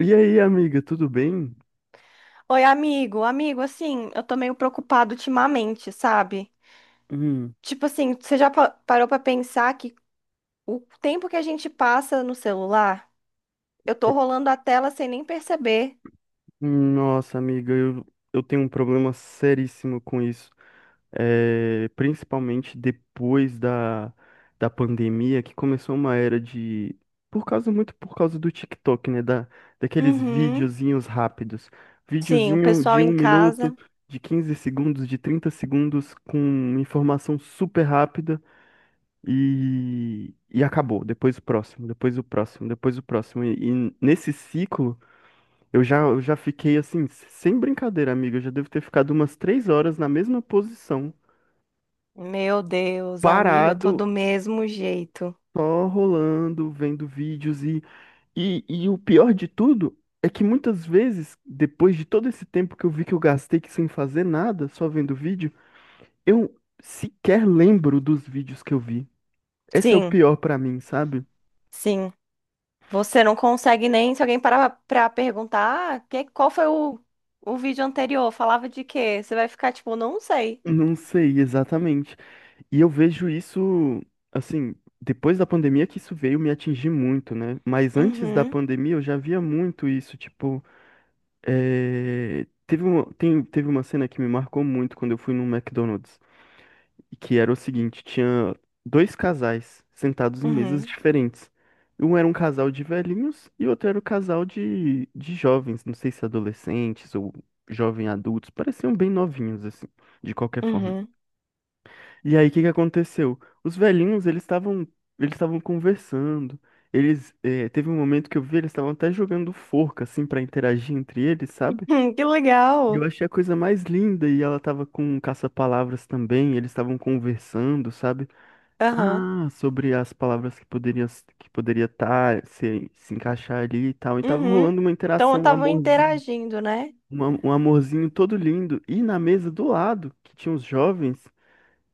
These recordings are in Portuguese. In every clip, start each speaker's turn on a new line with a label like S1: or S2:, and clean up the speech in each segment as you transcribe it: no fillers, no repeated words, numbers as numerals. S1: E aí, amiga, tudo bem?
S2: Oi, amigo, assim, eu tô meio preocupado ultimamente, sabe?
S1: Hum,
S2: Tipo assim, você já parou pra pensar que o tempo que a gente passa no celular, eu tô rolando a tela sem nem perceber.
S1: Nossa, amiga, eu tenho um problema seríssimo com isso. É, principalmente depois da pandemia, que começou uma era de. Por causa, muito por causa do TikTok, né? Daqueles
S2: Uhum.
S1: videozinhos rápidos.
S2: Sim, o
S1: Videozinho
S2: pessoal
S1: de um
S2: em
S1: minuto,
S2: casa,
S1: de 15 segundos, de 30 segundos, com informação super rápida. E acabou. Depois o próximo, depois o próximo, depois o próximo. E nesse ciclo, eu já fiquei assim, sem brincadeira, amiga. Eu já devo ter ficado umas 3 horas na mesma posição,
S2: meu Deus, amigo, eu tô
S1: parado,
S2: do mesmo jeito.
S1: só rolando, vendo vídeos. E o pior de tudo é que muitas vezes, depois de todo esse tempo que eu vi que eu gastei que sem fazer nada, só vendo vídeo, eu sequer lembro dos vídeos que eu vi. Esse é o
S2: Sim,
S1: pior pra mim, sabe?
S2: sim. Você não consegue nem, se alguém parar pra perguntar, ah, qual foi o vídeo anterior? Falava de quê? Você vai ficar tipo, não sei.
S1: Não sei exatamente. E eu vejo isso, assim, depois da pandemia que isso veio me atingir muito, né? Mas antes da
S2: Uhum,
S1: pandemia eu já via muito isso, tipo, teve uma cena que me marcou muito quando eu fui no McDonald's, que era o seguinte, tinha dois casais sentados em mesas
S2: uhum,
S1: diferentes. Um era um casal de velhinhos e o outro era um casal de, jovens, não sei se adolescentes ou jovem adultos, pareciam bem novinhos, assim, de qualquer forma.
S2: uhum.
S1: E aí, o que que aconteceu? Os velhinhos, eles estavam conversando. Teve um momento que eu vi, eles estavam até jogando forca assim pra interagir entre eles, sabe?
S2: Que
S1: E eu
S2: legal.
S1: achei a coisa mais linda e ela tava com um caça-palavras também, eles estavam conversando, sabe?
S2: Aham.
S1: Ah, sobre as palavras que poderia estar se encaixar ali e tal. E tava rolando
S2: Uhum.
S1: uma
S2: Então
S1: interação, um
S2: estavam
S1: amorzinho,
S2: interagindo, né?
S1: um amorzinho todo lindo. E na mesa do lado, que tinha os jovens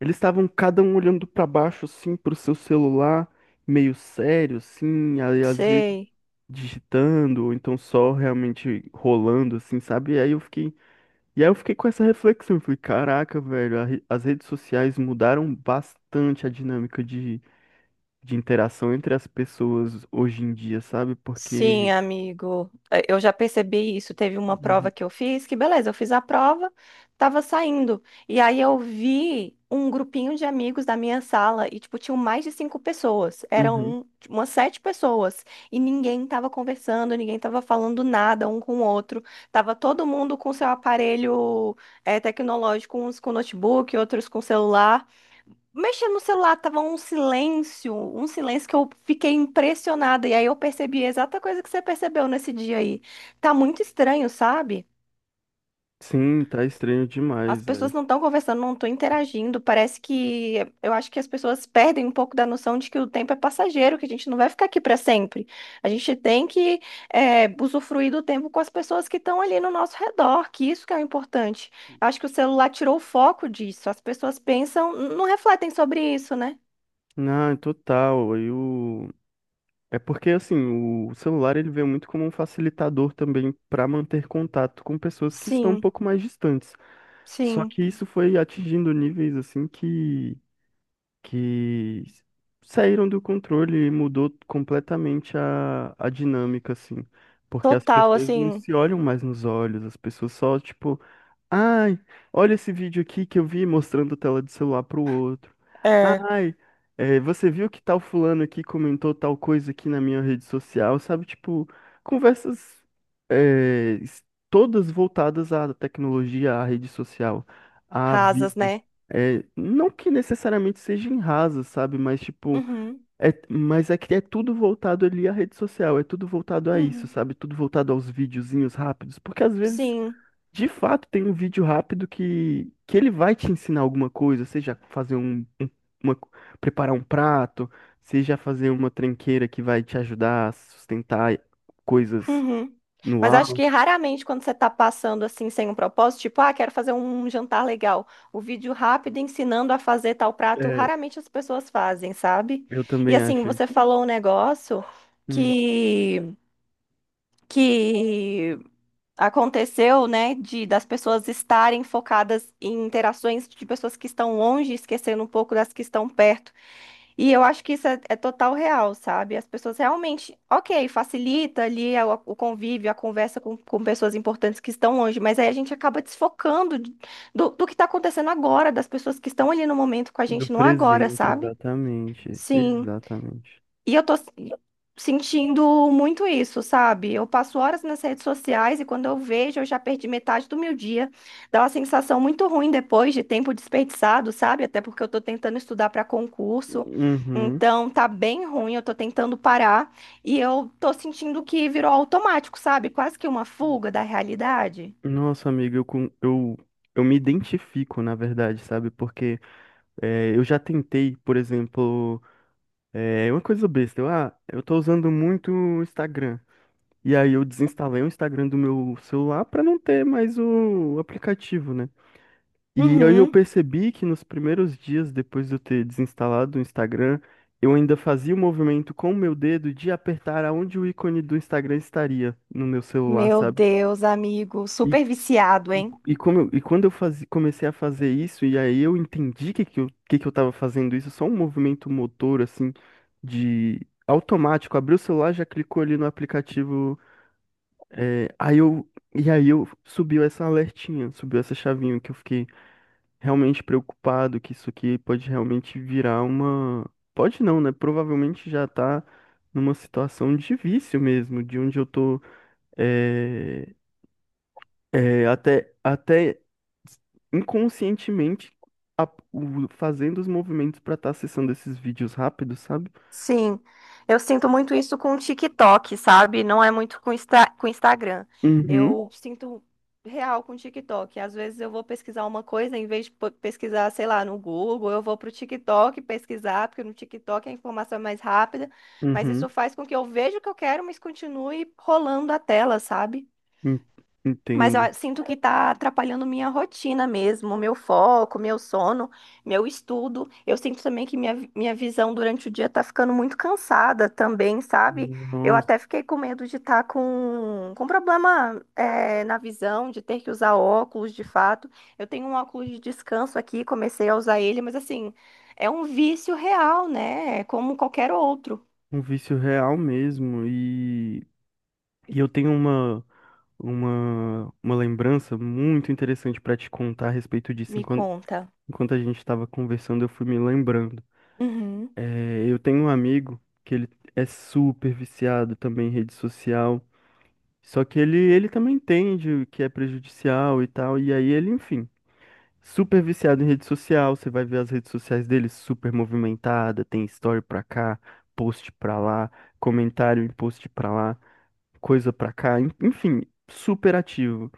S1: eles estavam cada um olhando pra baixo, assim, pro seu celular, meio sério, assim, aí às vezes
S2: Sei.
S1: digitando, ou então só realmente rolando, assim, sabe? E aí eu fiquei com essa reflexão, eu falei, caraca, velho, as redes sociais mudaram bastante a dinâmica de, interação entre as pessoas hoje em dia, sabe?
S2: Sim,
S1: Porque
S2: amigo. Eu já percebi isso. Teve uma prova
S1: Uhum.
S2: que eu fiz, que beleza, eu fiz a prova, tava saindo. E aí eu vi um grupinho de amigos da minha sala e, tipo, tinham mais de cinco pessoas. Eram
S1: Uhum.
S2: um, tipo, umas sete pessoas. E ninguém tava conversando, ninguém tava falando nada um com o outro. Tava todo mundo com seu aparelho, tecnológico, uns com notebook, outros com celular, mexendo no celular, tava um silêncio que eu fiquei impressionada. E aí eu percebi a exata coisa que você percebeu nesse dia aí. Tá muito estranho, sabe?
S1: Sim, tá estranho
S2: As
S1: demais, velho.
S2: pessoas não estão conversando, não estão interagindo. Parece que eu acho que as pessoas perdem um pouco da noção de que o tempo é passageiro, que a gente não vai ficar aqui para sempre. A gente tem que usufruir do tempo com as pessoas que estão ali no nosso redor, que isso que é o importante. Eu acho que o celular tirou o foco disso. As pessoas pensam, não refletem sobre isso, né?
S1: Não, total. Eu É porque assim, o celular ele veio muito como um facilitador também para manter contato com pessoas que estão um
S2: Sim.
S1: pouco mais distantes. Só
S2: Sim,
S1: que isso foi atingindo níveis assim que que saíram do controle e mudou completamente a dinâmica assim, porque as
S2: total,
S1: pessoas não
S2: assim,
S1: se olham mais nos olhos, as pessoas só tipo Ai, olha esse vídeo aqui que eu vi mostrando tela de celular pro outro.
S2: é,
S1: Ai, é, você viu que tal fulano aqui comentou tal coisa aqui na minha rede social, sabe? Tipo, conversas é, es- todas voltadas à tecnologia, à rede social, a
S2: rasas,
S1: vídeo.
S2: né?
S1: É, não que necessariamente seja em rasa, sabe? Mas tipo,
S2: Uhum,
S1: é, mas é que é tudo voltado ali à rede social, é tudo voltado a isso,
S2: uhum,
S1: sabe? Tudo voltado aos videozinhos rápidos, porque às vezes
S2: sim,
S1: de fato, tem um vídeo rápido que ele vai te ensinar alguma coisa, seja fazer um, uma, preparar um prato, seja fazer uma tranqueira que vai te ajudar a sustentar coisas
S2: uhum.
S1: no
S2: Mas
S1: ar.
S2: acho que raramente quando você tá passando assim sem um propósito, tipo, ah, quero fazer um jantar legal, o vídeo rápido ensinando a fazer tal prato,
S1: É,
S2: raramente as pessoas fazem, sabe?
S1: eu
S2: E
S1: também
S2: assim,
S1: acho isso.
S2: você falou um negócio
S1: Hum,
S2: que que aconteceu, né, de das pessoas estarem focadas em interações de pessoas que estão longe, esquecendo um pouco das que estão perto. E eu acho que isso é total real, sabe? As pessoas realmente, ok, facilita ali o convívio, a conversa com pessoas importantes que estão longe, mas aí a gente acaba desfocando do que está acontecendo agora, das pessoas que estão ali no momento com a
S1: do
S2: gente no agora,
S1: presente,
S2: sabe?
S1: exatamente.
S2: Sim.
S1: Exatamente.
S2: E eu sentindo muito isso, sabe? Eu passo horas nas redes sociais e quando eu vejo, eu já perdi metade do meu dia. Dá uma sensação muito ruim depois de tempo desperdiçado, sabe? Até porque eu tô tentando estudar para concurso.
S1: Uhum.
S2: Então, tá bem ruim, eu tô tentando parar e eu tô sentindo que virou automático, sabe? Quase que uma fuga da realidade.
S1: Nossa, amiga, eu me identifico, na verdade, sabe? Porque é, eu já tentei, por exemplo. É uma coisa besta. Eu tô usando muito o Instagram. E aí eu desinstalei o Instagram do meu celular pra não ter mais o aplicativo, né? E aí eu
S2: Uhum.
S1: percebi que nos primeiros dias depois de eu ter desinstalado o Instagram, eu ainda fazia o movimento com o meu dedo de apertar aonde o ícone do Instagram estaria no meu celular,
S2: Meu
S1: sabe?
S2: Deus, amigo, super viciado, hein?
S1: E, quando comecei a fazer isso, e aí eu entendi que que eu tava fazendo isso, só um movimento motor, assim, de automático, abriu o celular, já clicou ali no aplicativo, é, aí eu, e aí eu subiu essa alertinha, subiu essa chavinha, que eu fiquei realmente preocupado, que isso aqui pode realmente virar uma... Pode não, né? Provavelmente já tá numa situação de vício mesmo, de onde eu tô é, até inconscientemente a- fazendo os movimentos pra estar acessando esses vídeos rápidos, sabe?
S2: Sim, eu sinto muito isso com o TikTok, sabe? Não é muito com Instagram.
S1: Uhum,
S2: Eu sinto real com o TikTok. Às vezes eu vou pesquisar uma coisa, em vez de pesquisar, sei lá, no Google, eu vou pro TikTok pesquisar, porque no TikTok a informação é mais rápida. Mas
S1: uhum,
S2: isso faz com que eu veja o que eu quero, mas continue rolando a tela, sabe?
S1: en-
S2: Mas eu
S1: entendo.
S2: sinto que tá atrapalhando minha rotina mesmo, meu foco, meu sono, meu estudo. Eu sinto também que minha visão durante o dia tá ficando muito cansada também, sabe? Eu
S1: Nossa,
S2: até fiquei com medo de estar com problema, na visão, de ter que usar óculos de fato. Eu tenho um óculos de descanso aqui, comecei a usar ele, mas assim, é um vício real, né? É como qualquer outro,
S1: um vício real mesmo. E eu tenho uma, uma lembrança muito interessante pra te contar a respeito disso.
S2: me
S1: Enquanto,
S2: conta.
S1: enquanto a gente estava conversando, eu fui me lembrando.
S2: Uhum,
S1: É, eu tenho um amigo que ele é super viciado também em rede social. Só que ele, também entende o que é prejudicial e tal, e aí ele, enfim, super viciado em rede social, você vai ver as redes sociais dele super movimentada, tem story pra cá, post pra lá, comentário em post pra lá, coisa pra cá, enfim, super ativo.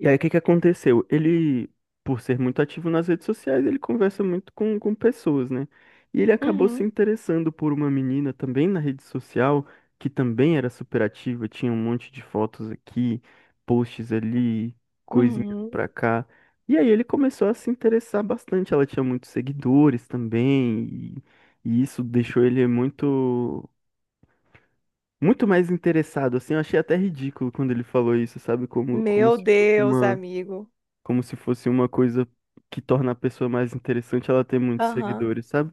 S1: E aí, o que que aconteceu? Ele, por ser muito ativo nas redes sociais, ele conversa muito com, pessoas, né? E ele acabou se
S2: uhum,
S1: interessando por uma menina também na rede social, que também era super ativa, tinha um monte de fotos aqui, posts ali, coisinhas
S2: uhum.
S1: pra cá. E aí ele começou a se interessar bastante. Ela tinha muitos seguidores também, e isso deixou ele muito, muito mais interessado, assim. Eu achei até ridículo quando ele falou isso, sabe? Como
S2: Meu
S1: se fosse
S2: Deus,
S1: uma
S2: amigo.
S1: coisa que torna a pessoa mais interessante ela ter muitos
S2: Aham.
S1: seguidores, sabe?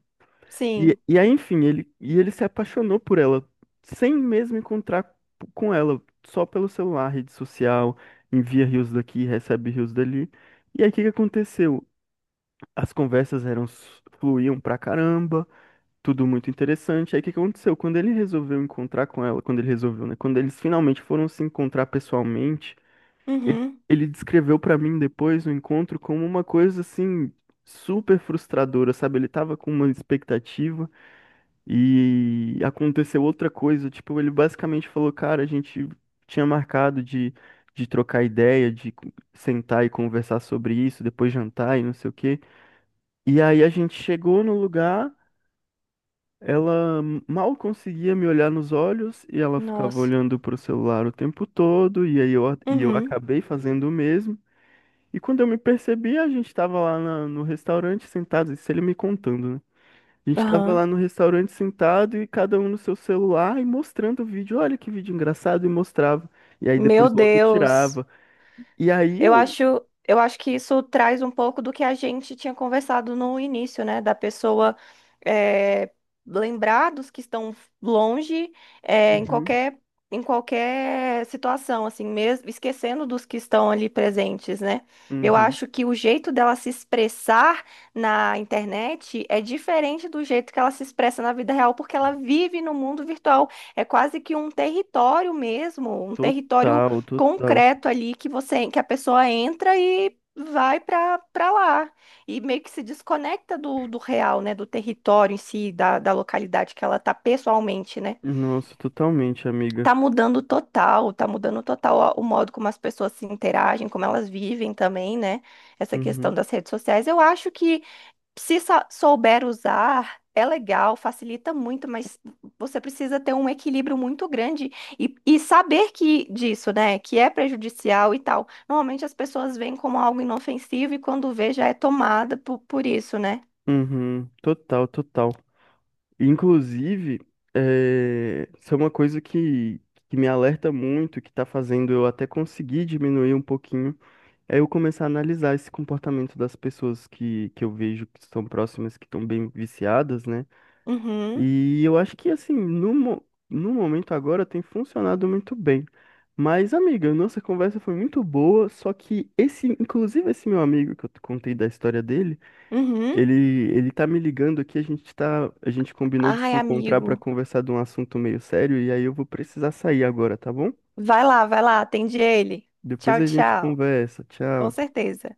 S1: E,
S2: Sim.
S1: e aí, enfim, ele se apaixonou por ela, sem mesmo encontrar com ela, só pelo celular, rede social, envia rios daqui, recebe rios dali. E aí, o que que aconteceu? As conversas fluíam pra caramba, tudo muito interessante. Aí, o que que aconteceu? Quando ele resolveu encontrar com ela, quando ele resolveu, né? Quando eles finalmente foram se encontrar pessoalmente, ele,
S2: Uhum.
S1: ele descreveu pra mim depois o encontro como uma coisa assim super frustradora, sabe? Ele tava com uma expectativa e aconteceu outra coisa. Tipo, ele basicamente falou, cara, a gente tinha marcado de, trocar ideia, sentar e conversar sobre isso, depois jantar e não sei o quê. E aí a gente chegou no lugar. Ela mal conseguia me olhar nos olhos e ela ficava
S2: Nossa.
S1: olhando pro celular o tempo todo, e eu
S2: Uhum.
S1: acabei fazendo o mesmo. E quando eu me percebi, a gente tava lá no restaurante sentado, isso ele me contando, né? A gente tava lá
S2: Aham.
S1: no restaurante sentado e cada um no seu celular e mostrando o vídeo. Olha que vídeo engraçado, e mostrava. E aí
S2: Meu
S1: depois logo
S2: Deus.
S1: tirava. E aí
S2: Eu
S1: eu.
S2: acho, eu acho que isso traz um pouco do que a gente tinha conversado no início, né? Da pessoa eh, lembrar dos que estão longe, eh, em
S1: Uhum,
S2: qualquer, em qualquer situação, assim, mesmo esquecendo dos que estão ali presentes, né? Eu
S1: uhum.
S2: acho que o jeito dela se expressar na internet é diferente do jeito que ela se expressa na vida real, porque ela vive no mundo virtual. É quase que um território mesmo, um território
S1: Total, total.
S2: concreto ali que você que a pessoa entra e vai para lá e meio que se desconecta do real, né, do território em si, da localidade que ela tá pessoalmente, né?
S1: Nossa, totalmente, amiga.
S2: Tá mudando total o modo como as pessoas se interagem, como elas vivem também, né? Essa questão
S1: Uhum,
S2: das redes sociais. Eu acho que se souber usar, é legal, facilita muito, mas você precisa ter um equilíbrio muito grande e saber que disso, né, que é prejudicial e tal. Normalmente as pessoas veem como algo inofensivo e quando vê já é tomada por isso, né?
S1: uhum. Total, total. Inclusive, isso é uma coisa que me alerta muito, que tá fazendo eu até conseguir diminuir um pouquinho. É eu começar a analisar esse comportamento das pessoas que, eu vejo que estão próximas, que estão bem viciadas, né?
S2: Uhum,
S1: E eu acho que, assim, no momento agora tem funcionado muito bem. Mas, amiga, nossa conversa foi muito boa, só que esse, inclusive esse meu amigo que eu te contei da história dele,
S2: uhum.
S1: ele, ele tá me ligando aqui, a gente combinou de
S2: Ai,
S1: se encontrar para
S2: amigo,
S1: conversar de um assunto meio sério, e aí eu vou precisar sair agora, tá bom?
S2: vai lá, atende ele.
S1: Depois
S2: Tchau,
S1: a gente
S2: tchau.
S1: conversa.
S2: Com
S1: Tchau.
S2: certeza.